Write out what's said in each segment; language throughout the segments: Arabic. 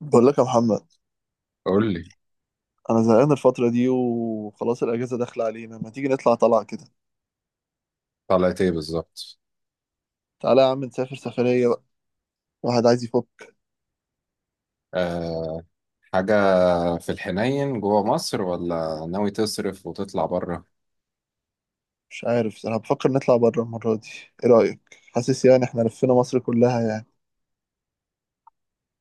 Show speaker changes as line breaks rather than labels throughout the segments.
بقول لك يا محمد،
قول لي.
انا زهقان الفتره دي وخلاص الاجازه داخله علينا. ما تيجي نطلع طلعه كده،
طلعت ايه بالظبط؟
تعالى يا عم نسافر سفريه بقى. واحد عايز يفك.
أه. حاجة، في الحنين جوه مصر ولا ناوي تصرف وتطلع بره؟
مش عارف، انا بفكر نطلع بره المره دي. ايه رايك؟ حاسس يعني احنا لفينا مصر كلها يعني.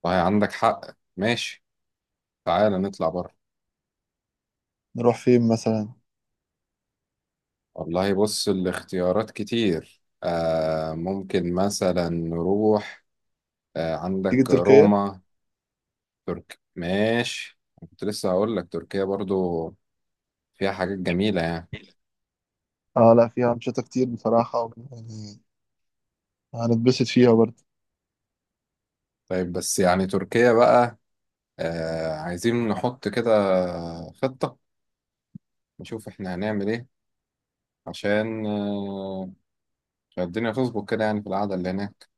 والله عندك حق. ماشي، تعالى نطلع بره.
نروح فين مثلا؟
والله بص، الاختيارات كتير. ممكن مثلا نروح.
تيجي
عندك
تركيا.
روما. تركيا ماشي، كنت لسه هقول لك تركيا برضو. فيها حاجات جميلة يعني.
اه لا، فيها انشطه كتير بصراحه يعني هنتبسط فيها برضه.
طيب، بس يعني تركيا بقى. عايزين نحط كده خطة، نشوف احنا هنعمل ايه عشان الدنيا تظبط كده يعني في القعدة اللي هناك.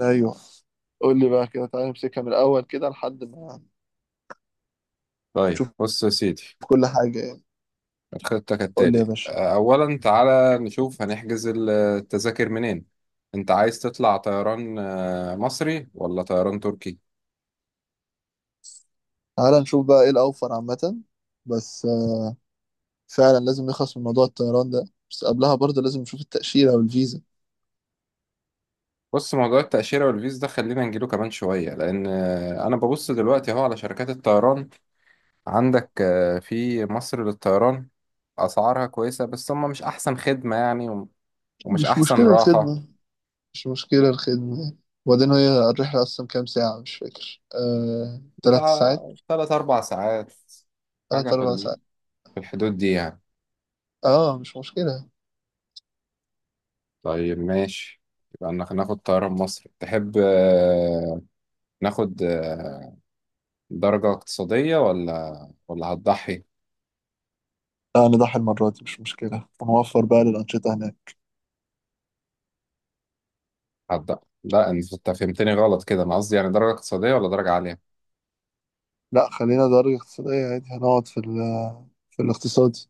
ايوه. قول لي بقى كده، تعالى نمسكها من الاول كده لحد ما
طيب
نشوف
بص يا سيدي،
كل حاجه يعني.
الخطة
قول لي يا
كالتالي،
باشا.
أولا تعالى نشوف هنحجز التذاكر منين. أنت عايز تطلع طيران مصري ولا طيران تركي؟
تعالى نشوف بقى ايه الاوفر عامه. بس فعلا لازم نخلص من موضوع الطيران ده، بس قبلها برضه لازم نشوف التأشيرة والفيزا.
بص، موضوع التأشيرة والفيز ده خلينا نجيله كمان شوية لأن أنا ببص دلوقتي أهو على شركات الطيران. عندك في مصر للطيران أسعارها كويسة، بس هما مش أحسن خدمة يعني، ومش
مش
أحسن
مشكلة
راحة.
الخدمة، مش مشكلة الخدمة يعني. وبعدين هي الرحلة أصلا كام ساعة؟ مش فاكر، تلات
بتاع
ساعات.
تلات أربع ساعات. حاجة
تلات أربع ساعات.
في الحدود دي يعني.
اه مش مشكلة.
طيب ماشي، يبقى ناخد طيران مصر. تحب ناخد درجة اقتصادية ولا هتضحي؟
لا نضحي المرة دي، مش مشكلة، ونوفر بقى للأنشطة هناك.
هتضحي؟ لا، انت فهمتني غلط كده، انا قصدي يعني درجة اقتصادية ولا درجة عالية.
لا خلينا درجة اقتصادية عادي، هنقعد في في الاقتصادي.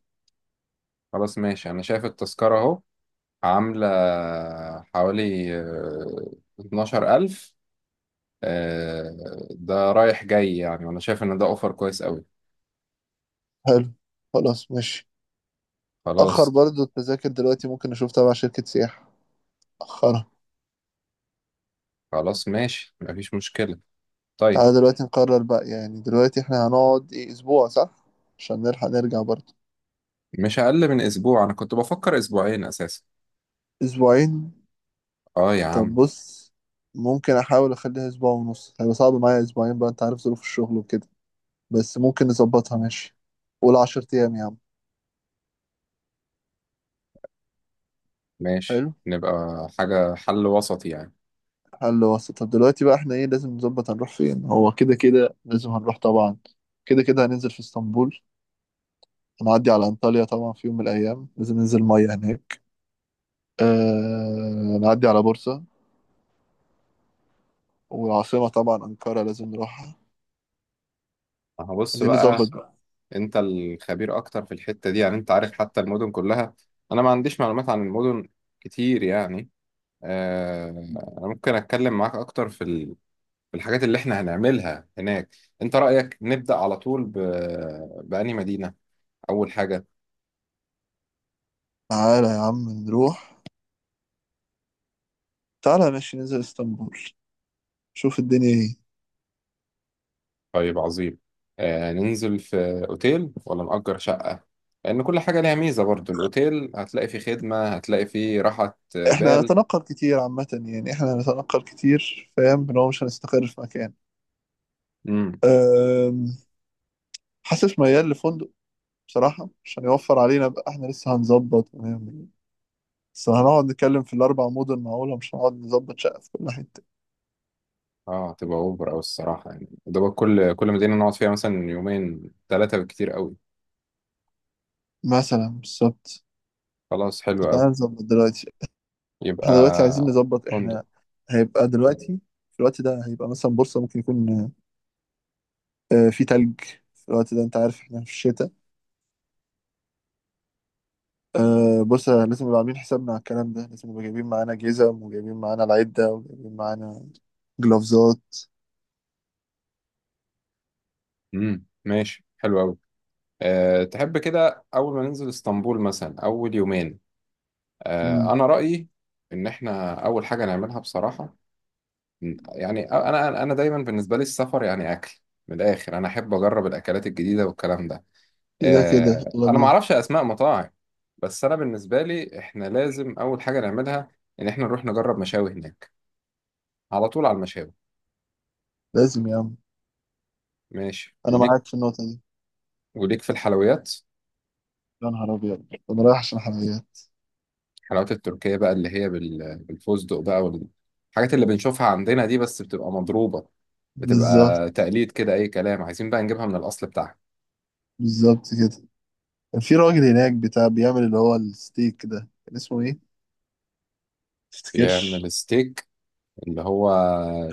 خلاص ماشي، انا شايف التذكرة اهو، عاملة حوالي اتناشر ألف. ده رايح جاي يعني، وانا شايف ان ده اوفر كويس قوي.
حلو، خلاص ماشي. أخر
خلاص.
برضه التذاكر دلوقتي ممكن نشوف تبع شركة سياحة أخرها.
خلاص ماشي، مفيش مشكلة. طيب.
تعالى دلوقتي نقرر بقى، يعني دلوقتي احنا هنقعد ايه؟ اسبوع صح؟ عشان نلحق نرجع برضه.
مش أقل من أسبوع، أنا كنت بفكر أسبوعين أساسا.
اسبوعين؟
آه يا
طب
عم.
بص، ممكن احاول اخليها اسبوع ونص، هيبقى صعب معايا اسبوعين بقى، انت عارف ظروف الشغل وكده، بس ممكن نظبطها ماشي. قول 10 ايام يا عم.
ماشي،
حلو.
نبقى حاجة حل وسط يعني.
حل وسط. طب دلوقتي بقى احنا ايه لازم نظبط؟ هنروح فين؟ هو كده كده لازم هنروح طبعا. كده كده هننزل في اسطنبول. هنعدي على انطاليا طبعا، في يوم من الايام لازم ننزل ميه هناك. نعدي على بورصة، والعاصمة طبعا أنقرة لازم نروح.
هبص
عايزين نظبط خلاص
بقى.
بقى.
أنت الخبير أكتر في الحتة دي يعني، أنت عارف حتى المدن كلها. أنا ما عنديش معلومات عن المدن كتير يعني. آه، أنا ممكن أتكلم معاك أكتر في الحاجات اللي إحنا هنعملها هناك. أنت رأيك نبدأ على طول بأنهي مدينة أول حاجة.
تعالى يا عم نروح. تعالى ماشي، ننزل اسطنبول، شوف الدنيا ايه.
طيب عظيم. آه، ننزل في اوتيل ولا نأجر شقة؟ لأن كل حاجة ليها ميزة برضو. الأوتيل هتلاقي فيه خدمة، هتلاقي فيه راحة. آه،
احنا
بال
هنتنقل كتير عامة، يعني احنا هنتنقل كتير، فاهم ان هو مش هنستقر في مكان.
امم
أم، حاسس ميال لفندق بصراحة، عشان يوفر علينا بقى، احنا لسه هنظبط ونعمل. بس هنقعد نتكلم في الأربع مدن معقولة؟ مش هنقعد نظبط شقة في كل حتة.
اه، تبقى اوبر او الصراحة يعني. ده بقى كل مدينة نقعد فيها مثلا يومين ثلاثة بالكتير قوي.
مثلا بالظبط.
خلاص حلو قوي.
تعالى نظبط دلوقتي.
يبقى
احنا دلوقتي عايزين نظبط
فندق.
احنا هيبقى دلوقتي، في الوقت ده هيبقى مثلا بورصة ممكن يكون في تلج. في الوقت ده انت عارف احنا في الشتاء. بص، لازم نبقى عاملين حسابنا على الكلام ده، لازم نبقى جايبين معانا جزم وجايبين معانا العدة وجايبين معانا جلافزات.
ماشي حلو قوي. أه تحب كده أول ما ننزل اسطنبول مثلا أول يومين؟ أه
امم
أنا رأيي إن إحنا أول حاجة نعملها بصراحة، يعني انا دايما بالنسبه لي السفر يعني اكل. من الاخر، انا احب اجرب الاكلات الجديده والكلام ده.
كده كده يلا
انا ما
بينا.
اعرفش اسماء مطاعم، بس انا بالنسبه لي احنا لازم اول حاجه نعملها ان احنا نروح نجرب مشاوي هناك، على طول على المشاوي.
لازم يا عم.
ماشي
انا
وليك.
معاك في النقطة دي.
وليك في الحلويات.
يا نهار ابيض انا رايح عشان حلويات.
الحلويات التركيه بقى اللي هي بالفستق بقى، والحاجات اللي بنشوفها عندنا دي بس بتبقى مضروبه، بتبقى
بالظبط.
تقليد كده اي كلام. عايزين بقى نجيبها من الاصل بتاعها.
بالظبط كده. كان في راجل هناك بتاع بيعمل اللي هو الستيك ده، كان اسمه ايه؟ تفتكرش؟
بيعمل ستيك اللي هو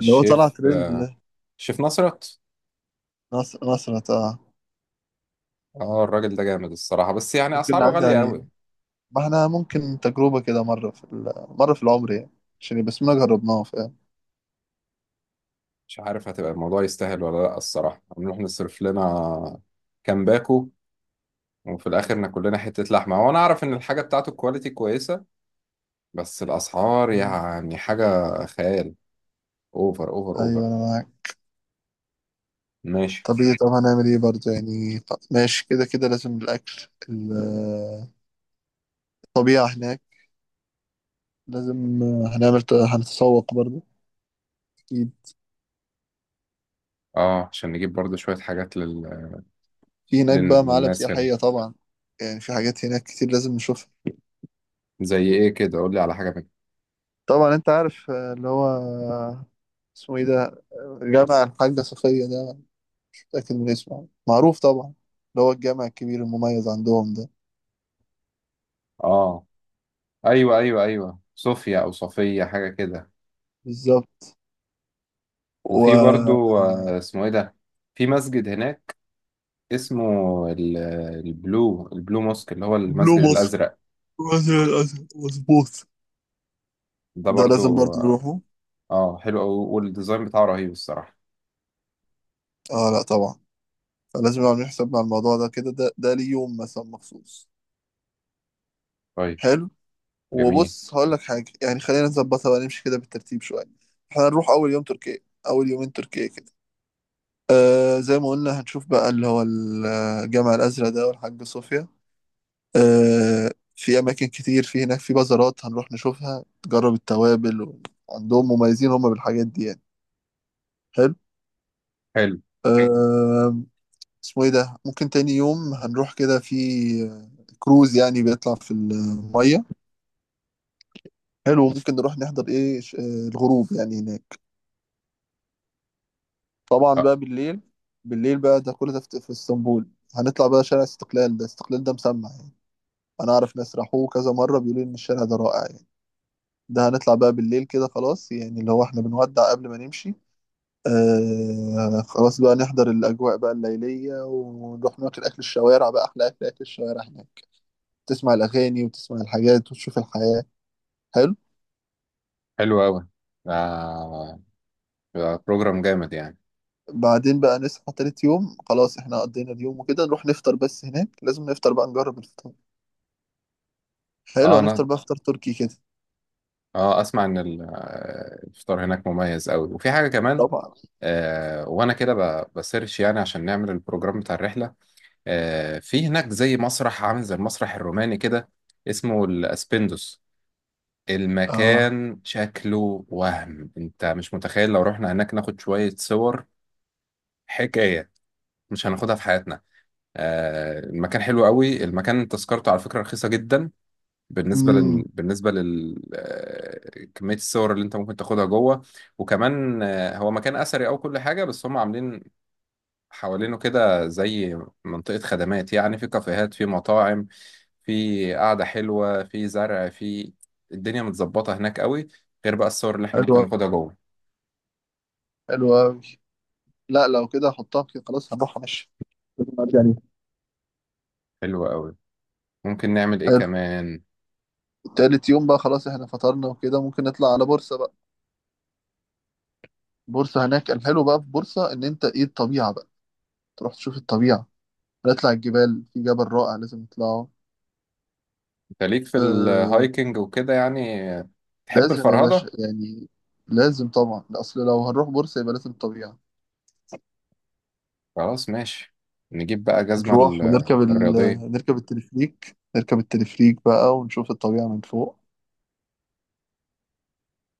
اللي هو طلع ترند ده.
الشيف نصرت.
نصر نصرة، اه.
اه، الراجل ده جامد الصراحة، بس يعني
ممكن
أسعاره
نعدي
غالية
عليه.
أوي.
ما احنا ممكن تجربة كده، مرة في العمر يعني، عشان يبقى اسمنا جربناه، فاهم.
مش عارف هتبقى الموضوع يستاهل ولا لأ. الصراحة هنروح نصرف لنا كام باكو، وفي الآخر ناكل لنا حتة لحمة. هو أنا أعرف إن الحاجة بتاعته الكواليتي كويسة، بس الأسعار
مم.
يعني حاجة خيال. أوفر أوفر
ايوه
أوفر.
انا معاك.
ماشي.
طب ايه؟ طب هنعمل ايه برضه يعني؟ طب ماشي، كده كده لازم الاكل. الطبيعة هناك لازم هنعمل. هنتسوق برضه اكيد.
اه، عشان نجيب برضه شوية حاجات
في هناك بقى معالم
للناس هنا.
سياحية طبعا، يعني في حاجات هناك كتير لازم نشوفها.
زي إيه كده؟ قول لي على حاجة منها.
طبعا انت عارف، اللي هو، اسمه ايه ده، جامع الحاجة صفية ده، مش متأكد من اسمه، معروف طبعا، اللي هو الجامع الكبير المميز عندهم ده.
اه، أيوه أيوه أيوه، صوفيا أو صفية حاجة كده.
بالظبط.
وفي
وبلو
برضو اسمه ايه ده، في مسجد هناك اسمه ال- البلو موسك اللي هو المسجد
مصر
الازرق.
وزير الأزرق، مظبوط.
ده
ده لازم
برضو
برضه
اه.
نروحه.
حلو أوي، والديزاين بتاعه رهيب الصراحه.
اه لا طبعا. لازم نعمل حسابنا على الموضوع ده كده، ده ليه يوم مثلا مخصوص.
طيب،
حلو.
جميل.
وبص هقول لك حاجة يعني، خلينا نظبطها بقى نمشي كده بالترتيب شوية. احنا هنروح أول يوم تركيا، أول يومين تركيا كده، آه زي ما قلنا هنشوف بقى اللي هو الجامع الأزرق ده والحاج صوفيا. آه في أماكن كتير في هناك، في بازارات هنروح نشوفها، تجرب التوابل عندهم، مميزين هم بالحاجات دي يعني. حلو.
حلو.
آه اسمه ايه ده، ممكن تاني يوم هنروح كده في كروز، يعني بيطلع في المية. حلو، ممكن نروح نحضر ايه، الغروب يعني هناك، طبعا
آه،
بقى بالليل. بالليل بقى ده، كل ده في اسطنبول. هنطلع بقى شارع استقلال ده، استقلال ده مسمع يعني، انا اعرف ناس راحوه كذا مرة بيقولوا ان الشارع ده رائع يعني. ده هنطلع بقى بالليل كده خلاص، يعني اللي هو احنا بنودع قبل ما نمشي. آه خلاص بقى، نحضر الأجواء بقى الليلية، ونروح ناكل أكل الشوارع بقى، أحلى أكل، أكل الشوارع هناك. تسمع الأغاني وتسمع الحاجات وتشوف الحياة. حلو.
حلو قوي. آه، ده بروجرام جامد يعني.
بعدين بقى نصحى تالت يوم، خلاص احنا قضينا اليوم وكده، نروح نفطر، بس هناك لازم نفطر بقى، نجرب الفطار. حلو،
اه
هنفطر
انا.
بقى فطار تركي كده.
اه اسمع ان الفطار هناك مميز قوي، وفي حاجه كمان.
طبعا.
وانا كده بسيرش يعني عشان نعمل البروجرام بتاع الرحله. في هناك زي مسرح عامل زي المسرح الروماني كده، اسمه الاسبندوس.
اه.
المكان شكله وهم، انت مش متخيل. لو رحنا هناك ناخد شوية صور حكاية، مش هناخدها في حياتنا. المكان حلو قوي. المكان تذكرته على فكرة رخيصة جدا،
امم
بالنسبة لل كمية الصور اللي انت ممكن تاخدها جوه. وكمان هو مكان أثري أو كل حاجة، بس هم عاملين حوالينه كده زي منطقة خدمات، يعني في كافيهات، في مطاعم، في قعدة حلوة، في زرع، في الدنيا متظبطة هناك قوي. غير بقى الصور اللي احنا
حلو
ممكن
أوي،
ناخدها جوه.
حلو أوي. لا لو كده هحطها كده، خلاص هنروح ماشي يعني.
حلوة قوي. ممكن نعمل ايه
حلو.
كمان؟
تالت يوم بقى خلاص احنا فطرنا وكده، ممكن نطلع على بورصة بقى. بورصة هناك الحلو بقى في بورصة ان انت ايه الطبيعة بقى. تروح تشوف الطبيعة، نطلع الجبال، في جبل رائع لازم نطلعه.
انت ليك في
آه.
الهايكنج وكده يعني؟ تحب
لازم يا
الفرهدة؟
باشا يعني، لازم طبعا، اصل لو هنروح بورصة يبقى لازم طبيعة.
خلاص ماشي. نجيب بقى جزمة
نروح ونركب
الرياضية.
نركب التلفريك، نركب التلفريك بقى ونشوف الطبيعة من فوق.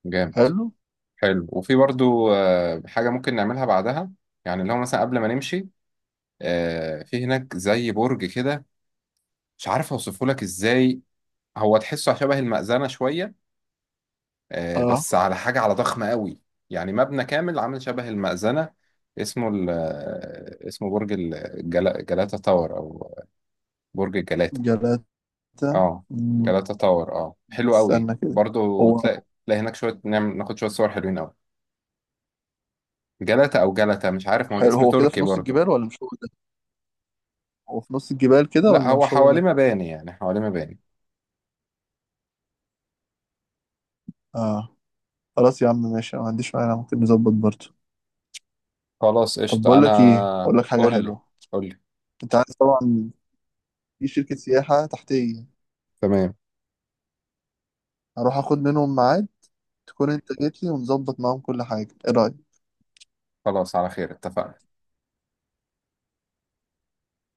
جامد.
حلو.
حلو. وفي برضو حاجة ممكن نعملها بعدها، يعني اللي هو مثلا قبل ما نمشي، في هناك زي برج كده، مش عارف اوصفه لك ازاي. هو تحسه شبه المأذنة شوية،
اه
بس على حاجة على ضخمة قوي. يعني مبنى كامل عامل شبه المأذنة. اسمه ال آه، اسمه برج جلاتا تاور او برج الجلاتا.
جلاتة.
اه،
مم،
جلاتا تاور. اه حلو قوي
استنى كده.
برضو،
هو
تلاقي هناك شوية، نعمل ناخد شوية صور حلوين قوي. جلاتا او جلاتا مش عارف، ما هو
حلو،
الاسم
هو كده في
تركي
نص
برضو.
الجبال ولا مش هو ده؟ هو في نص الجبال كده
لا،
ولا
هو
مش هو
حواليه
ده؟
مباني، يعني حواليه مباني.
اه خلاص يا عم ماشي، أنا ما عنديش مانع، ممكن نظبط برضه.
خلاص
طب
قشطة.
بقول لك ايه،
انا
اقول لك حاجة
قول لي.
حلوة.
قول لي.
انت عارف طبعا في شركة سياحة تحتية.
تمام.
هروح اخد منهم ميعاد، تكون انت جيت لي ونظبط معاهم كل حاجة، ايه رأيك؟
خلاص، على خير اتفقنا.